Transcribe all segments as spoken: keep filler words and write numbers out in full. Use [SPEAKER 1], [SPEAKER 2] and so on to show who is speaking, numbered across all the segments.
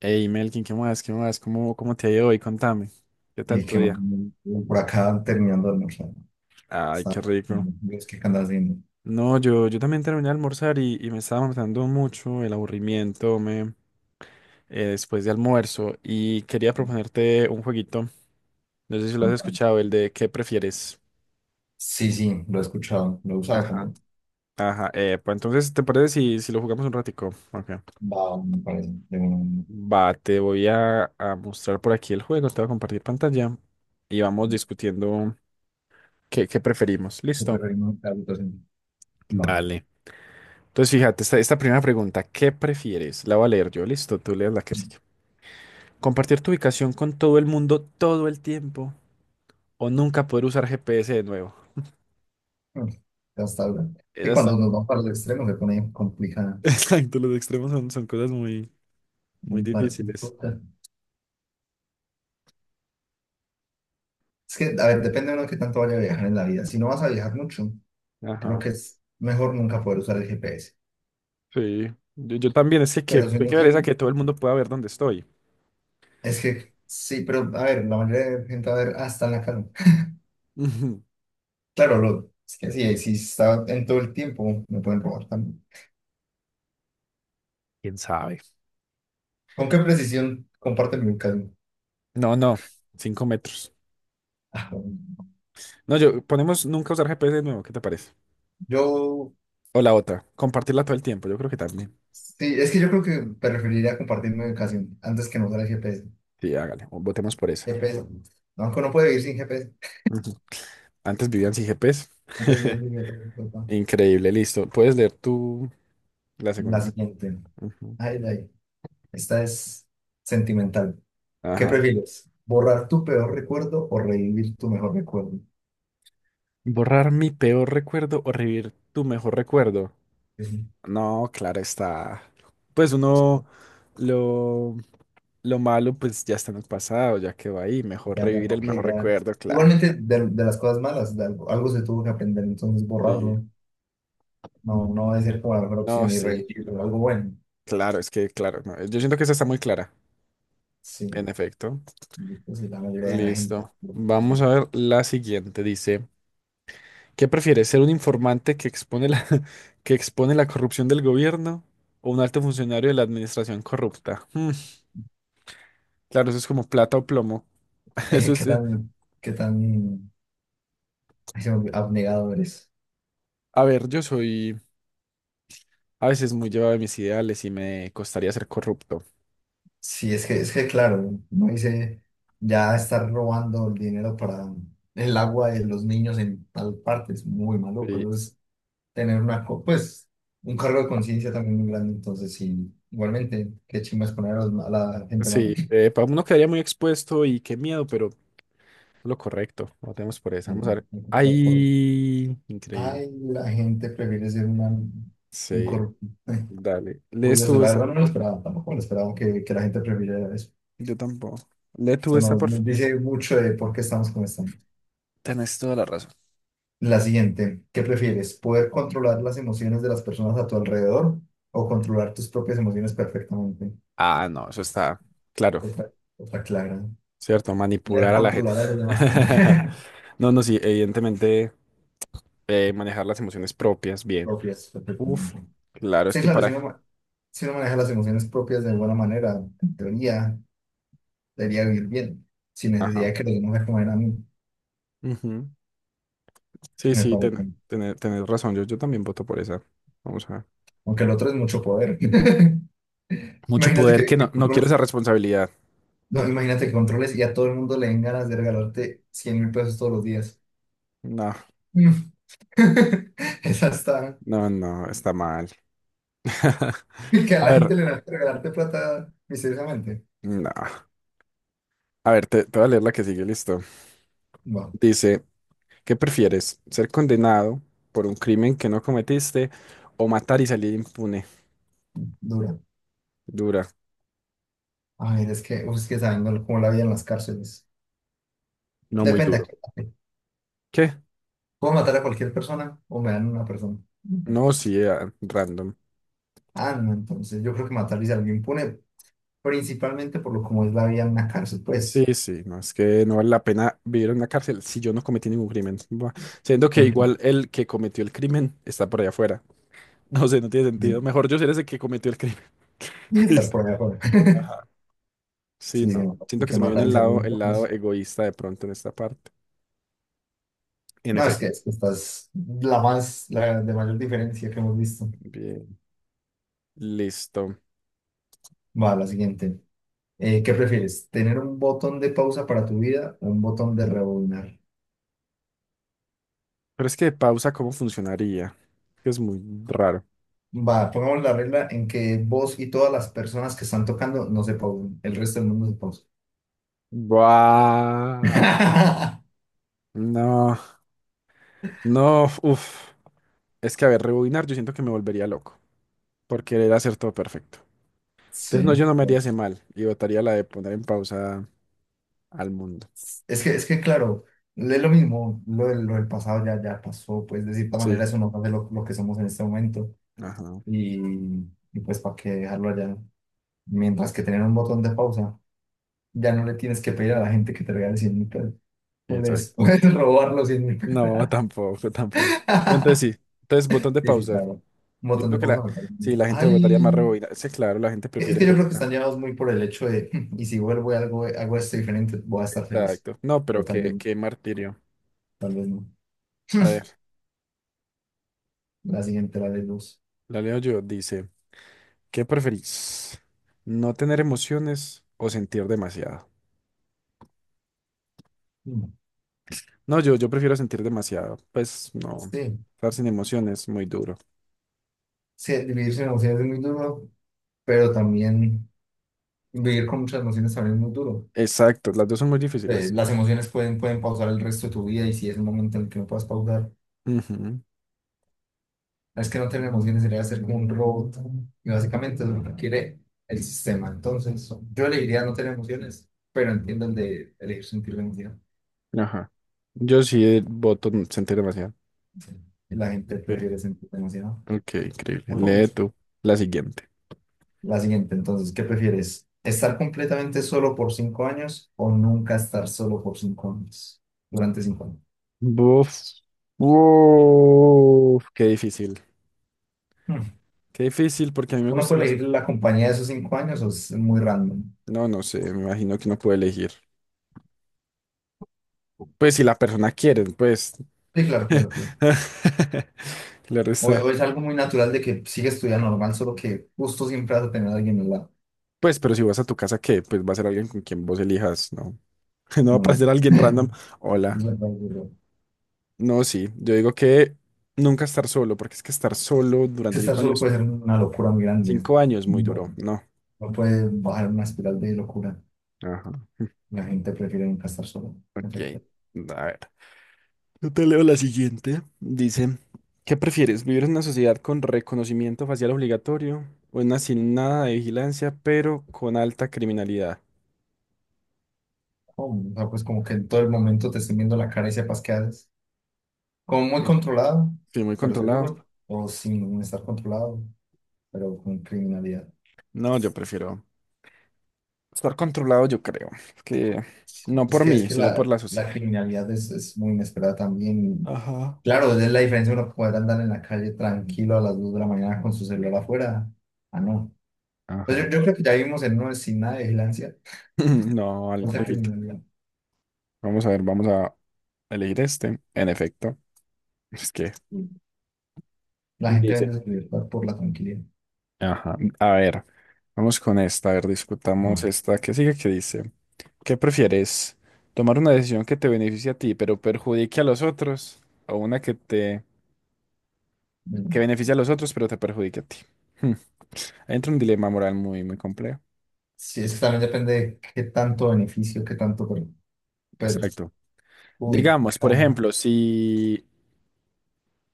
[SPEAKER 1] Hey Melkin, ¿qué más? ¿Qué más? ¿Cómo, cómo te ha ido hoy? Contame. ¿Qué tal
[SPEAKER 2] Y
[SPEAKER 1] tu
[SPEAKER 2] que más, o
[SPEAKER 1] día?
[SPEAKER 2] menos por acá terminando de almorzar.
[SPEAKER 1] Ay,
[SPEAKER 2] Está-
[SPEAKER 1] qué rico.
[SPEAKER 2] Dios, ¿qué andas haciendo?
[SPEAKER 1] No, yo, yo también terminé de almorzar y, y me estaba matando mucho el aburrimiento me, eh, después de almuerzo y quería proponerte un jueguito. No sé si lo has
[SPEAKER 2] Contame.
[SPEAKER 1] escuchado, el de ¿qué prefieres?
[SPEAKER 2] Sí, sí, lo he escuchado, lo he usado
[SPEAKER 1] Ajá.
[SPEAKER 2] también.
[SPEAKER 1] Ajá, eh, pues entonces, ¿te parece si, si lo jugamos un ratico? Ok.
[SPEAKER 2] Va, me parece, de un
[SPEAKER 1] Va, te voy a, a mostrar por aquí el juego, te voy a compartir pantalla y vamos discutiendo qué, qué preferimos. ¿Listo?
[SPEAKER 2] superreino de habitación. Va.
[SPEAKER 1] Dale. Entonces, fíjate, esta, esta primera pregunta, ¿qué prefieres? La voy a leer yo, listo, tú lees la que sigue. ¿Compartir tu ubicación con todo el mundo todo el tiempo o nunca poder usar GPS de nuevo?
[SPEAKER 2] Mm, Hasta ahora. Que
[SPEAKER 1] Esa
[SPEAKER 2] cuando
[SPEAKER 1] está...
[SPEAKER 2] nos vamos para el extremo se pone complicada.
[SPEAKER 1] Exacto, los extremos son, son cosas muy, muy
[SPEAKER 2] Un partido.
[SPEAKER 1] difíciles.
[SPEAKER 2] Es que, a ver, depende de uno que tanto vaya a viajar en la vida. Si no vas a viajar mucho, creo
[SPEAKER 1] Ajá,
[SPEAKER 2] que es mejor nunca poder usar el G P S.
[SPEAKER 1] sí. Yo, yo también, es que qué,
[SPEAKER 2] Pero si
[SPEAKER 1] qué
[SPEAKER 2] uno
[SPEAKER 1] pereza
[SPEAKER 2] tiene.
[SPEAKER 1] que todo el mundo pueda ver dónde estoy.
[SPEAKER 2] Es que, sí, pero a ver, la mayoría de gente, a ver, hasta en la casa.
[SPEAKER 1] Ujú.
[SPEAKER 2] Claro, lo, es que sí, si está en todo el tiempo, me pueden robar también.
[SPEAKER 1] ¿Quién sabe?
[SPEAKER 2] ¿Con qué precisión comparten mi ubicación?
[SPEAKER 1] No, no, cinco metros.
[SPEAKER 2] Ah, bueno,
[SPEAKER 1] No, yo ponemos nunca usar GPS de nuevo, ¿qué te parece?
[SPEAKER 2] yo,
[SPEAKER 1] O la otra, compartirla todo el tiempo, yo creo que también.
[SPEAKER 2] sí, es que yo creo que preferiría compartir mi ubicación antes que no usar el G P S.
[SPEAKER 1] Sí, hágale, o votemos por esa.
[SPEAKER 2] G P S, no, aunque uno puede vivir sin G P S.
[SPEAKER 1] Ujú. Antes vivían sin GPS.
[SPEAKER 2] Entonces, bien, yo- yo- yo-
[SPEAKER 1] Increíble, listo. Puedes leer tú la
[SPEAKER 2] la
[SPEAKER 1] segunda.
[SPEAKER 2] siguiente.
[SPEAKER 1] Ujú.
[SPEAKER 2] Ay, ay, esta es sentimental. ¿Qué
[SPEAKER 1] Ajá.
[SPEAKER 2] prefieres? ¿Borrar tu peor recuerdo o revivir tu mejor recuerdo?
[SPEAKER 1] Borrar mi peor recuerdo o revivir tu mejor recuerdo. No, claro está. Pues uno lo, lo malo, pues ya está en el pasado, ya quedó ahí. Mejor
[SPEAKER 2] Ya, ya,
[SPEAKER 1] revivir el
[SPEAKER 2] ok,
[SPEAKER 1] mejor
[SPEAKER 2] ya.
[SPEAKER 1] recuerdo, claro.
[SPEAKER 2] Igualmente de, de las cosas malas, de algo, algo se tuvo que aprender, entonces
[SPEAKER 1] Sí.
[SPEAKER 2] borrarlo. No, no va a ser como la mejor
[SPEAKER 1] No,
[SPEAKER 2] opción y
[SPEAKER 1] sí.
[SPEAKER 2] revivirlo, algo bueno.
[SPEAKER 1] Claro, es que, claro, no. Yo siento que esa está muy clara.
[SPEAKER 2] Sí,
[SPEAKER 1] En efecto.
[SPEAKER 2] pues sí, la mayoría de la gente.
[SPEAKER 1] Listo.
[SPEAKER 2] Sí.
[SPEAKER 1] Vamos a ver la siguiente. Dice. ¿Qué prefieres, ser un informante que expone la, que expone la corrupción del gobierno o un alto funcionario de la administración corrupta? Mm, claro, eso es como plata o plomo. Eso
[SPEAKER 2] Eh,
[SPEAKER 1] es,
[SPEAKER 2] ¿Qué
[SPEAKER 1] eh,
[SPEAKER 2] tan, qué tan ay, se me olvidó, abnegado eres?
[SPEAKER 1] a ver, yo soy a veces muy llevado de mis ideales y me costaría ser corrupto.
[SPEAKER 2] Sí, es que, es que claro, no hice ya estar robando el dinero para el agua de los niños en tal parte, es muy maluco,
[SPEAKER 1] Sí,
[SPEAKER 2] eso es tener una, co- pues, un cargo de conciencia también muy grande. Entonces, sí, igualmente, qué chimbas poner a, los ma- a la gente mala.
[SPEAKER 1] sí, eh, pa- uno quedaría muy expuesto y qué miedo, pero lo correcto. Votemos por esa.
[SPEAKER 2] Y
[SPEAKER 1] Vamos a
[SPEAKER 2] el-
[SPEAKER 1] ver.
[SPEAKER 2] el control por-
[SPEAKER 1] ¡Ay! Increíble.
[SPEAKER 2] Ay, la gente prefiere ser una, un
[SPEAKER 1] Sí,
[SPEAKER 2] corrupto.
[SPEAKER 1] dale. Lees
[SPEAKER 2] Curioso,
[SPEAKER 1] tú
[SPEAKER 2] la
[SPEAKER 1] esa.
[SPEAKER 2] verdad no me lo esperaba, tampoco me lo esperaba que, que la gente prefiriera eso.
[SPEAKER 1] Yo tampoco. Lee tú
[SPEAKER 2] Eso
[SPEAKER 1] esa,
[SPEAKER 2] nos,
[SPEAKER 1] por
[SPEAKER 2] nos
[SPEAKER 1] favor.
[SPEAKER 2] dice mucho de por qué estamos como estamos.
[SPEAKER 1] Tenés toda la razón.
[SPEAKER 2] La siguiente, ¿qué prefieres? ¿Poder controlar las emociones de las personas a tu alrededor o controlar tus propias emociones perfectamente?
[SPEAKER 1] Ah, no, eso está claro,
[SPEAKER 2] Otra, otra clara.
[SPEAKER 1] ¿cierto?
[SPEAKER 2] Poder
[SPEAKER 1] Manipular a la gente.
[SPEAKER 2] controlar a los demás.
[SPEAKER 1] No, no, sí, evidentemente eh, manejar las emociones propias bien.
[SPEAKER 2] Propias,
[SPEAKER 1] Uf,
[SPEAKER 2] perfectamente.
[SPEAKER 1] claro, es
[SPEAKER 2] Sí,
[SPEAKER 1] que
[SPEAKER 2] claro, si
[SPEAKER 1] para...
[SPEAKER 2] uno, ma- si uno maneja las emociones propias de buena manera, en teoría, debería vivir bien, sin necesidad
[SPEAKER 1] Ajá.
[SPEAKER 2] de que los demás me coman a mí,
[SPEAKER 1] Ujú. Sí,
[SPEAKER 2] me
[SPEAKER 1] sí,
[SPEAKER 2] parece.
[SPEAKER 1] ten, tener, tener razón, yo, yo también voto por esa. Vamos a ver.
[SPEAKER 2] Aunque el otro es mucho poder.
[SPEAKER 1] Mucho
[SPEAKER 2] Imagínate
[SPEAKER 1] poder
[SPEAKER 2] que,
[SPEAKER 1] que no,
[SPEAKER 2] que
[SPEAKER 1] no quiero
[SPEAKER 2] controles,
[SPEAKER 1] esa responsabilidad.
[SPEAKER 2] no, imagínate que controles y a todo el mundo le den ganas de regalarte cien mil pesos todos los días.
[SPEAKER 1] No,
[SPEAKER 2] Mm. Esa está,
[SPEAKER 1] no, no, está mal.
[SPEAKER 2] que a
[SPEAKER 1] A
[SPEAKER 2] la
[SPEAKER 1] ver,
[SPEAKER 2] gente le dan ganas de regalarte plata misteriosamente.
[SPEAKER 1] no. A ver, te, te voy a leer la que sigue, listo.
[SPEAKER 2] Bueno,
[SPEAKER 1] Dice... ¿Qué prefieres? ¿Ser condenado por un crimen que no cometiste o matar y salir impune?
[SPEAKER 2] dura.
[SPEAKER 1] Dura.
[SPEAKER 2] A ver, es que, uf, es que saben ¿no? cómo la vida en las cárceles.
[SPEAKER 1] No muy
[SPEAKER 2] Depende. ¿A
[SPEAKER 1] duro.
[SPEAKER 2] qué?
[SPEAKER 1] ¿Qué?
[SPEAKER 2] ¿Puedo matar a cualquier persona o me dan una persona?
[SPEAKER 1] No, sí, ah, random.
[SPEAKER 2] Ah, no, entonces yo creo que matar es algo impune, principalmente por lo como es la vida en una cárcel,
[SPEAKER 1] Sí,
[SPEAKER 2] pues.
[SPEAKER 1] sí, no, es que no vale la pena vivir en la cárcel si yo no cometí ningún crimen. Buah, siendo que
[SPEAKER 2] eh,
[SPEAKER 1] igual el que cometió el crimen está por allá afuera. No sé, no tiene
[SPEAKER 2] Y
[SPEAKER 1] sentido. Mejor yo ser ese que cometió el crimen.
[SPEAKER 2] y estar por allá afuera.
[SPEAKER 1] Ajá. Sí,
[SPEAKER 2] Sí, sí,
[SPEAKER 1] no.
[SPEAKER 2] y
[SPEAKER 1] Siento que
[SPEAKER 2] que
[SPEAKER 1] se me viene
[SPEAKER 2] matar
[SPEAKER 1] el
[SPEAKER 2] es algo
[SPEAKER 1] lado, el
[SPEAKER 2] impune.
[SPEAKER 1] lado
[SPEAKER 2] es-
[SPEAKER 1] egoísta de pronto en esta parte. En
[SPEAKER 2] No, es que,
[SPEAKER 1] efecto.
[SPEAKER 2] es que esta es la más, la de mayor diferencia que hemos visto.
[SPEAKER 1] Bien, listo.
[SPEAKER 2] Va, la siguiente. Eh, ¿qué prefieres? ¿Tener un botón de pausa para tu vida o un botón de rebobinar?
[SPEAKER 1] Pero es que pausa, ¿cómo funcionaría? Que es muy raro.
[SPEAKER 2] Va, pongamos la regla en que vos y todas las personas que están tocando no se pausen, el resto del mundo se pausa.
[SPEAKER 1] Buah. No, no, uff. Es que, a ver, rebobinar, yo siento que me volvería loco por querer hacer todo perfecto. Entonces, no,
[SPEAKER 2] Sí,
[SPEAKER 1] yo no me haría
[SPEAKER 2] no,
[SPEAKER 1] ese mal y votaría la de poner en pausa al mundo.
[SPEAKER 2] es que, es que claro, es lo mismo, lo, del- lo del pasado ya, ya pasó, pues de cierta manera
[SPEAKER 1] Sí,
[SPEAKER 2] eso no hace lo, lo que somos en este momento
[SPEAKER 1] ajá,
[SPEAKER 2] y, y pues para qué dejarlo allá, mientras que tener un botón de pausa, ya no le tienes que pedir a la gente que te regale cien mil pesos, puedes,
[SPEAKER 1] exacto.
[SPEAKER 2] puedes robar los cien mil pesos.
[SPEAKER 1] No, tampoco, tampoco. Entonces, sí, entonces, botón de
[SPEAKER 2] Sí, sí,
[SPEAKER 1] pausa.
[SPEAKER 2] claro, un
[SPEAKER 1] Yo
[SPEAKER 2] botón de
[SPEAKER 1] creo que
[SPEAKER 2] pausa
[SPEAKER 1] la,
[SPEAKER 2] me parece.
[SPEAKER 1] sí,
[SPEAKER 2] Mucho.
[SPEAKER 1] la gente votaría
[SPEAKER 2] Ay,
[SPEAKER 1] más rebobinar. Sí, claro, la gente
[SPEAKER 2] es
[SPEAKER 1] prefiere
[SPEAKER 2] que yo creo que
[SPEAKER 1] volver a...
[SPEAKER 2] están llevados muy por el hecho de, y si vuelvo y algo, hago esto diferente, voy a estar feliz,
[SPEAKER 1] Exacto. No, pero
[SPEAKER 2] pero tal
[SPEAKER 1] qué,
[SPEAKER 2] vez,
[SPEAKER 1] qué martirio.
[SPEAKER 2] tal vez no.
[SPEAKER 1] A ver,
[SPEAKER 2] La siguiente, la de luz.
[SPEAKER 1] la leo yo, dice. ¿Qué preferís? ¿No tener emociones o sentir demasiado?
[SPEAKER 2] Mm.
[SPEAKER 1] No, yo, yo prefiero sentir demasiado. Pues no,
[SPEAKER 2] Sí,
[SPEAKER 1] estar sin emociones es muy duro.
[SPEAKER 2] sí, vivir sin emociones es muy duro, pero también vivir con muchas emociones también es muy duro.
[SPEAKER 1] Exacto, las dos son muy
[SPEAKER 2] Eh,
[SPEAKER 1] difíciles.
[SPEAKER 2] las emociones pueden, pueden pausar el resto de tu vida y si es el momento en el que no puedas pausar,
[SPEAKER 1] Ujú,
[SPEAKER 2] no es que no tener emociones sería ser como un robot. Y básicamente es lo que el sistema. Entonces, yo elegiría no tener emociones, pero entiendo el de elegir sentir la emoción.
[SPEAKER 1] ajá. Yo sí voto n- sentir demasiado.
[SPEAKER 2] Sí. Y la gente prefiere
[SPEAKER 1] Ok,
[SPEAKER 2] sentir emocionado.
[SPEAKER 1] ok, increíble.
[SPEAKER 2] Por
[SPEAKER 1] Lee
[SPEAKER 2] mucho.
[SPEAKER 1] tú la siguiente.
[SPEAKER 2] La siguiente, entonces, ¿qué prefieres? ¿Estar completamente solo por cinco años o nunca estar solo por cinco años? Durante cinco años.
[SPEAKER 1] Buf. Uf, qué difícil.
[SPEAKER 2] Hmm.
[SPEAKER 1] Qué difícil porque a mí me
[SPEAKER 2] Uno
[SPEAKER 1] gusta
[SPEAKER 2] puede
[SPEAKER 1] la
[SPEAKER 2] elegir
[SPEAKER 1] sola.
[SPEAKER 2] la compañía de esos cinco años o es muy random.
[SPEAKER 1] No, no sé, me imagino que no puedo elegir. Pues si la persona quiere, pues.
[SPEAKER 2] Sí, claro, claro, claro.
[SPEAKER 1] Claro
[SPEAKER 2] O,
[SPEAKER 1] está.
[SPEAKER 2] o es algo muy natural de que sigues tu vida normal, solo que justo siempre vas a tener a alguien al lado.
[SPEAKER 1] Pues, pero si vas a tu casa, ¿qué? Pues va a ser alguien con quien vos elijas, ¿no? No va a
[SPEAKER 2] No.
[SPEAKER 1] aparecer alguien random. Hola.
[SPEAKER 2] Es verdad, es verdad.
[SPEAKER 1] No, sí. Yo digo que nunca estar solo, porque es que estar solo
[SPEAKER 2] Si
[SPEAKER 1] durante
[SPEAKER 2] estar
[SPEAKER 1] cinco
[SPEAKER 2] solo
[SPEAKER 1] años,
[SPEAKER 2] puede ser una locura muy grande.
[SPEAKER 1] cinco años muy
[SPEAKER 2] No,
[SPEAKER 1] duro, ¿no?
[SPEAKER 2] no puede bajar una espiral de locura.
[SPEAKER 1] Ajá.
[SPEAKER 2] La gente prefiere nunca estar solo.
[SPEAKER 1] Ok.
[SPEAKER 2] Perfecto.
[SPEAKER 1] A ver. Yo te leo la siguiente. Dice, ¿qué prefieres? ¿Vivir en una sociedad con reconocimiento facial obligatorio o en una sin nada de vigilancia, pero con alta criminalidad?
[SPEAKER 2] Oh, o sea, pues como que en todo el momento te estén viendo la cara y sepas qué haces. Como muy
[SPEAKER 1] Sí.
[SPEAKER 2] controlado,
[SPEAKER 1] Sí, muy
[SPEAKER 2] pero
[SPEAKER 1] controlado.
[SPEAKER 2] seguro. O sin estar controlado, pero con criminalidad.
[SPEAKER 1] No, yo prefiero. Estar controlado, yo creo. Que no
[SPEAKER 2] Es
[SPEAKER 1] por
[SPEAKER 2] que es
[SPEAKER 1] mí,
[SPEAKER 2] que
[SPEAKER 1] sino por
[SPEAKER 2] la,
[SPEAKER 1] la sociedad.
[SPEAKER 2] la criminalidad es, es muy inesperada también.
[SPEAKER 1] Ajá.
[SPEAKER 2] Claro, es la diferencia de uno poder andar en la calle tranquilo a las dos de la mañana con su celular afuera. Ah, no.
[SPEAKER 1] Ajá.
[SPEAKER 2] Pues yo, yo creo que ya vivimos en una sin nada de vigilancia.
[SPEAKER 1] No, al-
[SPEAKER 2] Mucha
[SPEAKER 1] alguito.
[SPEAKER 2] criminalidad.
[SPEAKER 1] Vamos a ver, vamos a elegir este. En efecto, es que
[SPEAKER 2] La gente
[SPEAKER 1] dice.
[SPEAKER 2] vende su libertad por la tranquilidad.
[SPEAKER 1] Ajá. A ver, vamos con esta. A ver, discutamos
[SPEAKER 2] No.
[SPEAKER 1] esta qué sigue que dice. ¿Qué prefieres? ¿Tomar una decisión que te beneficie a ti, pero perjudique a los otros? ¿O una que te que beneficie a los otros, pero te perjudique a ti? Hmm. Ahí entra un dilema moral muy, muy complejo.
[SPEAKER 2] Sí, es que también depende de qué tanto beneficio, qué tanto per-
[SPEAKER 1] Exacto. Digamos, por
[SPEAKER 2] perjudica.
[SPEAKER 1] ejemplo, si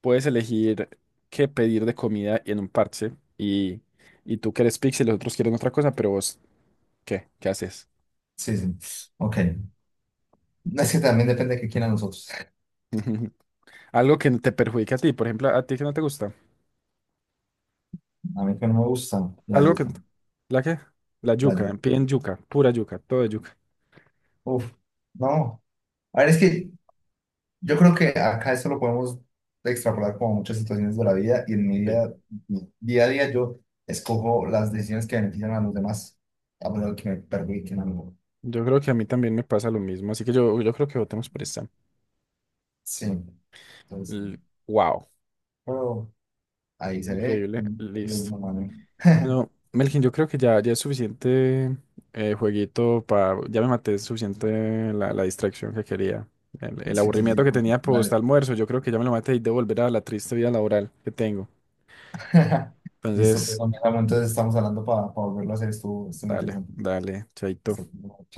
[SPEAKER 1] puedes elegir qué pedir de comida en un parche y, y tú quieres pizza y los otros quieren otra cosa, pero vos, ¿qué? ¿Qué haces?
[SPEAKER 2] Sí, sí. Ok. Es que también depende de qué quieran nosotros.
[SPEAKER 1] Algo que te perjudica a ti, por ejemplo, a ti que no te gusta.
[SPEAKER 2] A mí que no me gusta la
[SPEAKER 1] Algo que...
[SPEAKER 2] yuca.
[SPEAKER 1] ¿La qué? La
[SPEAKER 2] La
[SPEAKER 1] yuca,
[SPEAKER 2] yuca.
[SPEAKER 1] piden yuca, pura yuca, todo de yuca.
[SPEAKER 2] Uf. No. A ver, es que yo creo que acá eso lo podemos extrapolar como a muchas situaciones de la vida y en mi
[SPEAKER 1] Sí.
[SPEAKER 2] día, mi día a día yo escojo las decisiones que benefician a los demás, a pesar de que me perjudiquen a mí.
[SPEAKER 1] Yo creo que a mí también me pasa lo mismo, así que yo, yo creo que votemos por esta.
[SPEAKER 2] Sí. Entonces,
[SPEAKER 1] L- Wow,
[SPEAKER 2] pero ahí se ve.
[SPEAKER 1] increíble,
[SPEAKER 2] Pues,
[SPEAKER 1] listo.
[SPEAKER 2] mamá, ¿no?
[SPEAKER 1] Bueno, Melkin, yo creo que ya, ya es suficiente eh, jueguito para... Ya me maté suficiente la, la distracción que quería. El, el
[SPEAKER 2] Sí, sí,
[SPEAKER 1] aburrimiento
[SPEAKER 2] sí.
[SPEAKER 1] que tenía post
[SPEAKER 2] Dale.
[SPEAKER 1] almuerzo, yo creo que ya me lo maté y de volver a la triste vida laboral que tengo.
[SPEAKER 2] Listo, pues,
[SPEAKER 1] Entonces,
[SPEAKER 2] amigo, entonces estamos hablando para, para volverlo a hacer. Estuvo, estuvo
[SPEAKER 1] dale,
[SPEAKER 2] interesante.
[SPEAKER 1] dale, chaito.
[SPEAKER 2] Listo.